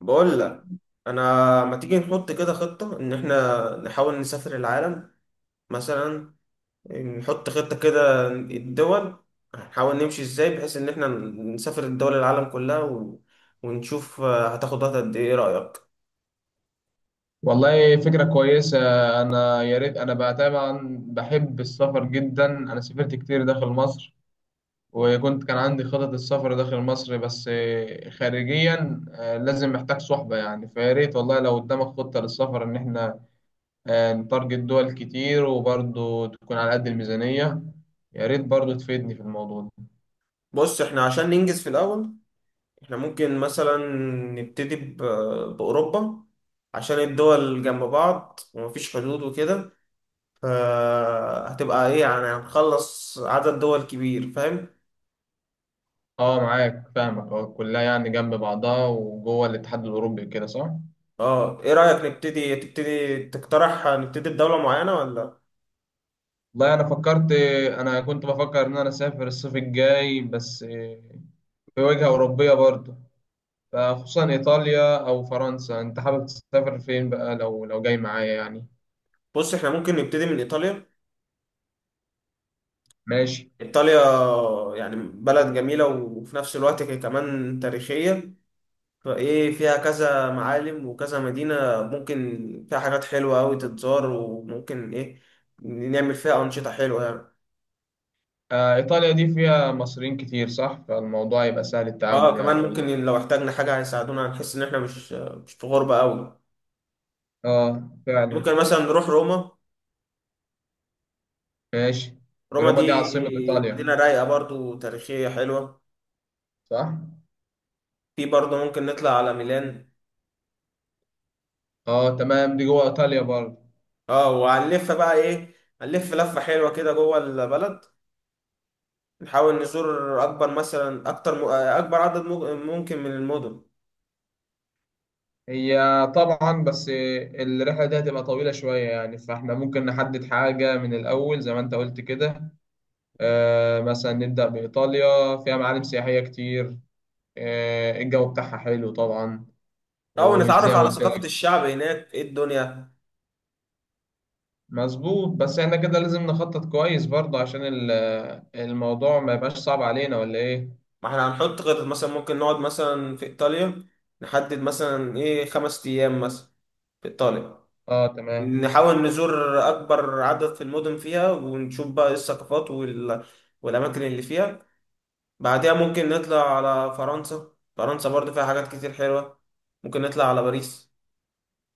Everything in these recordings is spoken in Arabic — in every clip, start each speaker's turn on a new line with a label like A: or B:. A: بقول لك، انا ما تيجي نحط كده خطة ان احنا نحاول نسافر العالم. مثلا نحط خطة كده الدول، هنحاول نمشي ازاي بحيث ان احنا نسافر الدول العالم كلها و... ونشوف هتاخد وقت قد ايه. إيه رأيك؟
B: والله فكرة كويسة. أنا يا ريت، أنا بقى طبعا بحب السفر جدا، أنا سافرت كتير داخل مصر، وكنت كان عندي خطط السفر داخل مصر، بس خارجيا، لازم محتاج صحبة، يعني فيا ريت والله لو قدامك خطة للسفر إن إحنا نتارجت دول كتير، وبرضه تكون على قد الميزانية. يا ريت برضه تفيدني في الموضوع ده.
A: بص احنا عشان ننجز في الاول، احنا ممكن مثلا نبتدي ب... بأوروبا، عشان الدول جنب بعض ومفيش حدود وكده. فهتبقى ايه يعني، هنخلص عدد دول كبير، فاهم؟
B: أه معاك، فاهمك. أه كلها يعني جنب بعضها وجوه الاتحاد الأوروبي، كده صح؟
A: اه. ايه رأيك نبتدي، تبتدي تقترح نبتدي بدولة معينة ولا؟
B: والله انا فكرت، انا كنت بفكر ان انا اسافر الصيف الجاي، بس في وجهة اوروبية برضه، فخصوصا ايطاليا او فرنسا. انت حابب تسافر فين بقى لو جاي معايا يعني؟
A: بص احنا ممكن نبتدي من ايطاليا.
B: ماشي.
A: ايطاليا يعني بلد جميلة وفي نفس الوقت هي كمان تاريخية، فايه فيها كذا معالم وكذا مدينة، ممكن فيها حاجات حلوة أوي تتزار، وممكن ايه نعمل فيها أنشطة حلوة يعني.
B: ايطاليا دي فيها مصريين كتير صح؟ فالموضوع يبقى سهل
A: اه
B: التعامل
A: كمان
B: يعني، ولا؟
A: ممكن لو احتاجنا حاجة هيساعدونا، هنحس ان احنا مش في غربة أوي.
B: اه فعلا.
A: ممكن مثلا نروح روما.
B: ماشي.
A: روما
B: روما
A: دي
B: دي عاصمة ايطاليا،
A: مدينة رايقة، برضو تاريخية حلوة.
B: صح؟
A: في برضه ممكن نطلع على ميلان.
B: اه تمام، دي جوه ايطاليا برضه.
A: اه وهنلف بقى ايه، هنلف لفة حلوة كده جوه البلد. نحاول نزور اكبر مثلا، اكتر اكبر عدد ممكن من المدن،
B: هي طبعا، بس الرحلة دي هتبقى طويلة شوية يعني، فاحنا ممكن نحدد حاجة من الأول زي ما أنت قلت كده. مثلا نبدأ بإيطاليا، فيها معالم سياحية كتير، الجو بتاعها حلو طبعا،
A: او نتعرف
B: وزي ما
A: على
B: قلت لك.
A: ثقافة الشعب هناك، ايه الدنيا.
B: مظبوط، بس احنا كده لازم نخطط كويس برضه، عشان الموضوع ما يبقاش صعب علينا، ولا إيه؟
A: ما احنا هنحط خطط، مثلا ممكن نقعد مثلا في ايطاليا، نحدد مثلا ايه خمس ايام مثلا في ايطاليا،
B: اه تمام.
A: نحاول نزور اكبر عدد في المدن فيها، ونشوف بقى إيه الثقافات والاماكن اللي فيها. بعدها ممكن نطلع على فرنسا. فرنسا برضه فيها حاجات كتير حلوة، ممكن نطلع على باريس.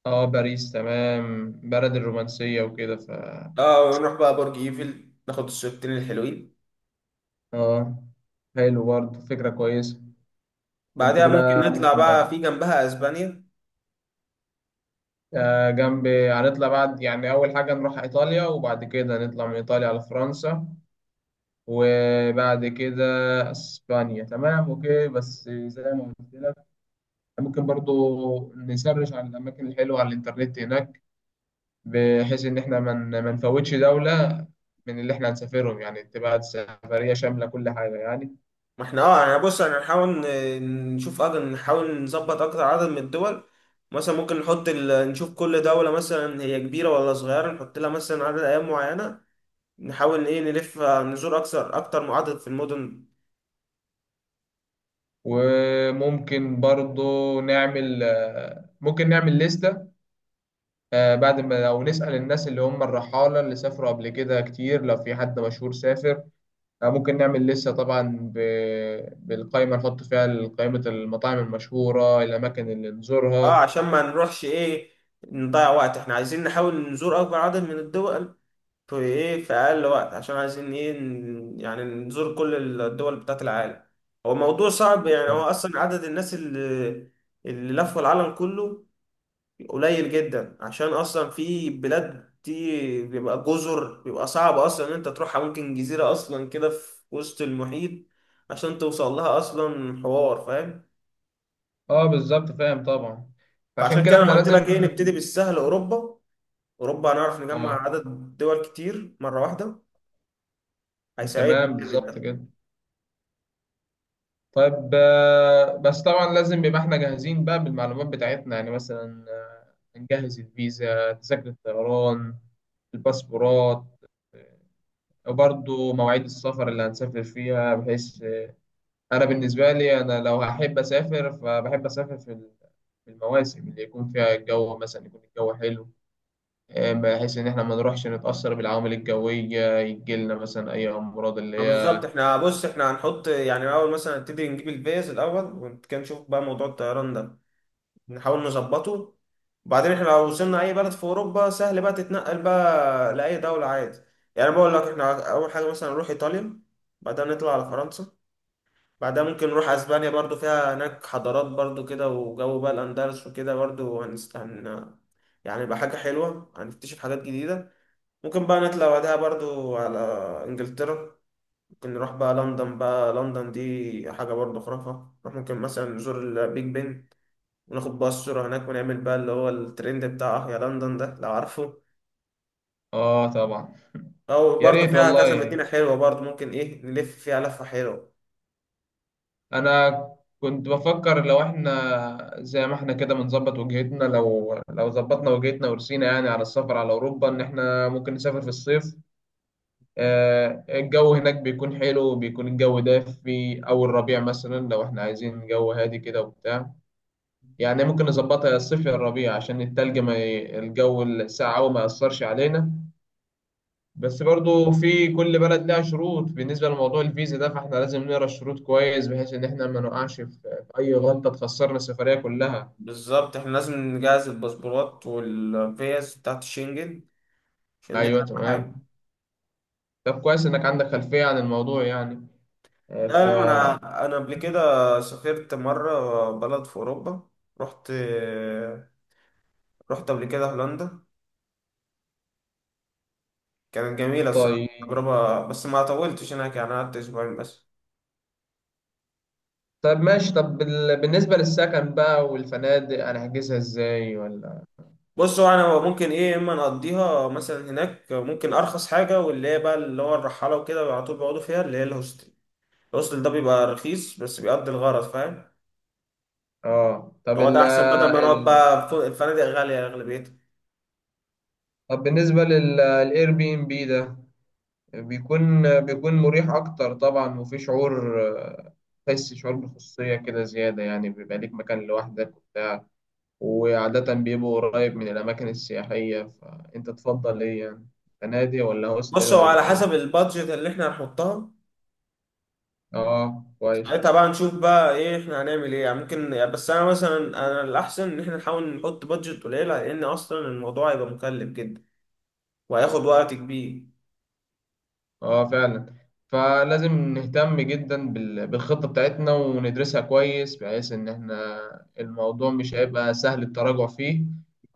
B: اه باريس تمام، بلد الرومانسية وكده ف...
A: اه ونروح بقى برج ايفل، ناخد الصورتين الحلوين.
B: اه حلو، برضه فكرة كويسة. انت
A: بعدها ممكن
B: كده
A: نطلع بقى في جنبها اسبانيا.
B: جنب، هنطلع بعد، يعني أول حاجة نروح إيطاليا، وبعد كده نطلع من إيطاليا على فرنسا، وبعد كده أسبانيا. تمام أوكي. بس زي ما قلت لك، ممكن برضو نسرش على الأماكن الحلوة على الإنترنت هناك، بحيث إن إحنا ما نفوتش دولة من اللي إحنا هنسافرهم، يعني تبقى سفرية شاملة كل حاجة يعني.
A: ما احنا اه يعني، بص احنا هنحاول نشوف نحاول نظبط اكتر عدد من الدول. مثلا ممكن نحط نشوف كل دولة مثلا هي كبيرة ولا صغيرة، نحط لها مثلا عدد ايام معينة، نحاول ايه نلف نزور اكثر، اكتر من عدد في المدن.
B: وممكن برضو نعمل، ممكن نعمل لستة، بعد ما، لو نسأل الناس اللي هم الرحالة اللي سافروا قبل كده كتير، لو في حد مشهور سافر، ممكن نعمل لسه طبعا ب... بالقائمة، نحط فيها قائمة المطاعم المشهورة، الأماكن اللي
A: اه
B: نزورها.
A: عشان ما نروحش ايه نضيع وقت، احنا عايزين نحاول نزور اكبر عدد من الدول في ايه، في اقل وقت، عشان عايزين ايه، يعني نزور كل الدول بتاعت العالم. هو موضوع صعب، يعني هو
B: بالظبط.
A: اصلا عدد الناس اللي لفوا العالم كله قليل جدا، عشان اصلا في بلاد دي بيبقى جزر، بيبقى صعب اصلا ان انت تروحها، ممكن جزيرة اصلا كده في وسط المحيط عشان توصل لها اصلا، حوار، فاهم.
B: اه بالظبط، فاهم طبعا. عشان
A: فعشان
B: كده
A: كده انا
B: احنا
A: قلت لك
B: لازم.
A: ايه، نبتدي بالسهل، اوروبا. اوروبا هنعرف نجمع
B: اه
A: عدد دول كتير مره واحده، هيساعدنا
B: تمام،
A: جامد
B: بالظبط
A: ده.
B: كده. طيب، بس طبعا لازم يبقى احنا جاهزين بقى بالمعلومات بتاعتنا، يعني مثلا نجهز الفيزا، تذاكر الطيران، الباسبورات، وبرضه مواعيد السفر اللي هنسافر فيها. بحيث أنا بالنسبة لي، أنا لو هحب أسافر فبحب أسافر في في المواسم اللي يكون فيها الجو، مثلا يكون الجو حلو، بحيث إن إحنا ما نروحش نتأثر بالعوامل الجوية، يجيلنا مثلا أي أمراض اللي
A: ما بالظبط،
B: هي...
A: احنا بص احنا هنحط يعني الاول، مثلا نبتدي نجيب الفيز الاول، وكان نشوف بقى موضوع الطيران ده، نحاول نظبطه. وبعدين احنا لو وصلنا اي بلد في اوروبا، سهل بقى تتنقل بقى لاي دوله عادي. يعني بقول لك احنا اول حاجه مثلا نروح ايطاليا، بعدها نطلع على فرنسا، بعدها ممكن نروح اسبانيا برضو، فيها هناك حضارات برضو كده وجو بقى الاندلس وكده، برضو يعني يبقى حاجه حلوه، هنكتشف حاجات جديده. ممكن بقى نطلع بعدها برضو على إنجلترا، ممكن نروح بقى لندن. بقى لندن دي حاجة برضو خرافة، نروح ممكن مثلا نزور البيج بن، وناخد بقى الصورة هناك، ونعمل بقى اللي هو الترند بتاع أه يا لندن ده لو عارفه.
B: آه طبعا.
A: أو
B: يا
A: برضو
B: ريت
A: فيها كذا
B: والله.
A: مدينة حلوة برضو، ممكن إيه نلف فيها لفة حلوة.
B: أنا كنت بفكر لو إحنا زي ما إحنا كده بنظبط وجهتنا، لو ظبطنا وجهتنا ورسينا يعني على السفر على أوروبا، إن إحنا ممكن نسافر في الصيف، الجو هناك بيكون حلو، بيكون الجو دافي، أول ربيع مثلا لو إحنا عايزين جو هادي كده وبتاع. يعني ممكن نظبطها يا الصيف يا الربيع، عشان التلج ما ي... الجو الساقع أوي ما يأثرش علينا. بس برضو في كل بلد لها شروط بالنسبة لموضوع الفيزا ده، فإحنا لازم نقرا الشروط كويس، بحيث إن إحنا ما نقعش في أي غلطة تخسرنا السفرية كلها.
A: بالظبط احنا لازم نجهز الباسبورات والفيز بتاعت الشنجن، عشان دي
B: أيوه
A: أهم حاجة.
B: تمام. طب كويس إنك عندك خلفية عن الموضوع يعني، آه، ف
A: لا أنا، أنا قبل كده سافرت مرة بلد في أوروبا. رحت رحت قبل كده هولندا، كانت جميلة الصراحة
B: طيب،
A: تجربة، بس ما طولتش هناك يعني، قعدت أسبوعين بس.
B: طب ماشي، طب بالنسبة للسكن بقى والفنادق، أنا هحجزها إزاي ولا؟
A: بص هو أنا ممكن إيه، إما نقضيها مثلا هناك، ممكن أرخص حاجة واللي هي بقى اللي هو الرحالة وكده على طول بيقعدوا فيها، اللي هي الهوستل. الهوستل ده بيبقى رخيص بس بيقضي الغرض، فاهم.
B: آه، طب
A: هو ده
B: ال
A: أحسن بدل ما نقعد
B: ال
A: بقى في الفنادق غالية أغلبيتها.
B: طب بالنسبة للإير بي إم بي ده، بيكون مريح أكتر طبعا، وفي شعور، تحس شعور بالخصوصية كده زيادة يعني، بيبقى ليك مكان لوحدك وبتاع، وعادة بيبقى قريب من الأماكن السياحية. فأنت تفضل إيه يعني، فنادق ولا هوستل
A: بص هو
B: ولا؟
A: على حسب البادجت اللي إحنا هنحطها،
B: آه
A: ساعتها
B: كويس.
A: بقى نشوف بقى إيه إحنا هنعمل إيه يعني. ممكن بس أنا مثلا، أنا الأحسن إن إحنا نحاول نحط بادجت قليلة، لأن أصلا الموضوع هيبقى مكلف جدا، وهياخد وقت كبير.
B: اه فعلا. فلازم نهتم جدا بالخطة بتاعتنا وندرسها كويس، بحيث ان احنا الموضوع مش هيبقى سهل التراجع فيه،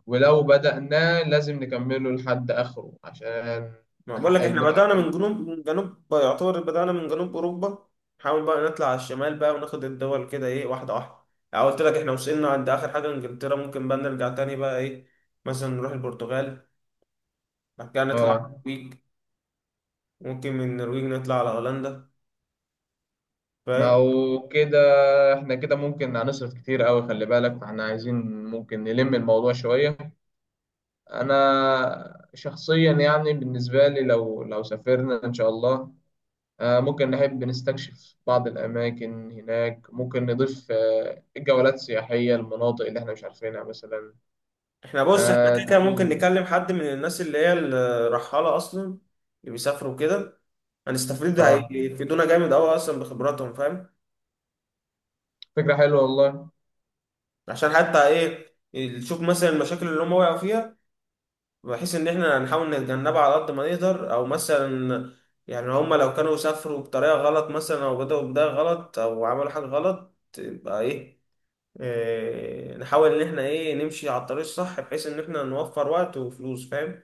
B: ولو بدأناه لازم نكمله لحد آخره عشان
A: ما بقول لك
B: نحقق
A: احنا
B: المتعة
A: بدأنا من
B: كاملة.
A: جنوب، من جنوب يعتبر بدأنا من جنوب أوروبا، نحاول بقى نطلع على الشمال بقى، وناخد الدول كده ايه واحدة واحدة. يعني قلت لك احنا وصلنا عند آخر حاجة إنجلترا، ممكن بقى نرجع تاني بقى ايه، مثلا نروح البرتغال، بعد كده نطلع على
B: اه
A: النرويج، ممكن من النرويج نطلع على هولندا،
B: ما
A: فاهم.
B: هو كده، احنا كده ممكن هنصرف كتير قوي، خلي بالك فاحنا عايزين ممكن نلم الموضوع شوية. انا شخصيا يعني بالنسبة لي، لو سافرنا ان شاء الله، ممكن نحب نستكشف بعض الأماكن هناك، ممكن نضيف جولات سياحية، المناطق اللي احنا مش عارفينها مثلا.
A: احنا بص احنا كده كده
B: آه،
A: ممكن نكلم حد من الناس اللي هي الرحالة أصلا، اللي بيسافروا كده، هنستفيد،
B: آه،
A: هيفيدونا جامد أوي أصلا بخبراتهم، فاهم.
B: فكرة حلوة والله.
A: عشان حتى ايه نشوف مثلا المشاكل اللي هم وقعوا فيها، بحيث ان احنا نحاول نتجنبها على قد ما نقدر. او مثلا يعني هما لو كانوا سافروا بطريقة غلط مثلا، او بدأوا بداية غلط، او عملوا حاجة غلط، يبقى ايه، إيه نحاول ان احنا ايه نمشي على الطريق الصح، بحيث ان احنا نوفر وقت وفلوس، فاهم.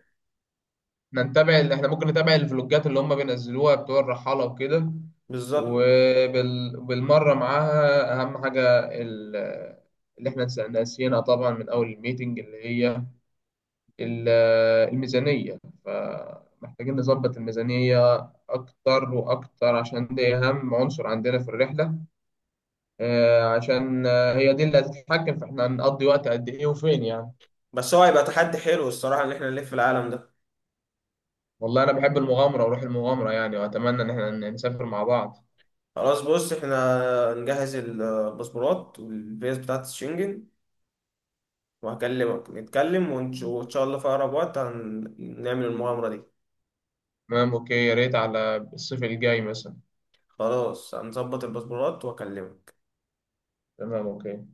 B: نتابع احنا ممكن نتابع الفلوجات اللي هم بينزلوها بتوع الرحالة وكده.
A: بالظبط.
B: وبالمرة معاها أهم حاجة ال- اللي احنا ناسيينها طبعا من أول الميتنج، اللي هي ال- الميزانية. فمحتاجين نظبط الميزانية أكتر وأكتر، عشان دي أهم عنصر عندنا في الرحلة، عشان هي دي اللي هتتحكم في إحنا هنقضي وقت قد إيه وفين يعني.
A: بس هو هيبقى تحدي حلو الصراحة ان احنا نلف العالم ده.
B: والله أنا بحب المغامرة وروح المغامرة يعني، وأتمنى إن إحنا نسافر مع بعض.
A: خلاص بص احنا نجهز الباسبورات والفيز بتاعت الشنجن، وهكلمك نتكلم وان شاء الله في اقرب وقت هنعمل المغامرة دي.
B: تمام أوكي، يا ريت على الصيف الجاي مثلا.
A: خلاص هنظبط الباسبورات واكلمك.
B: تمام أوكي.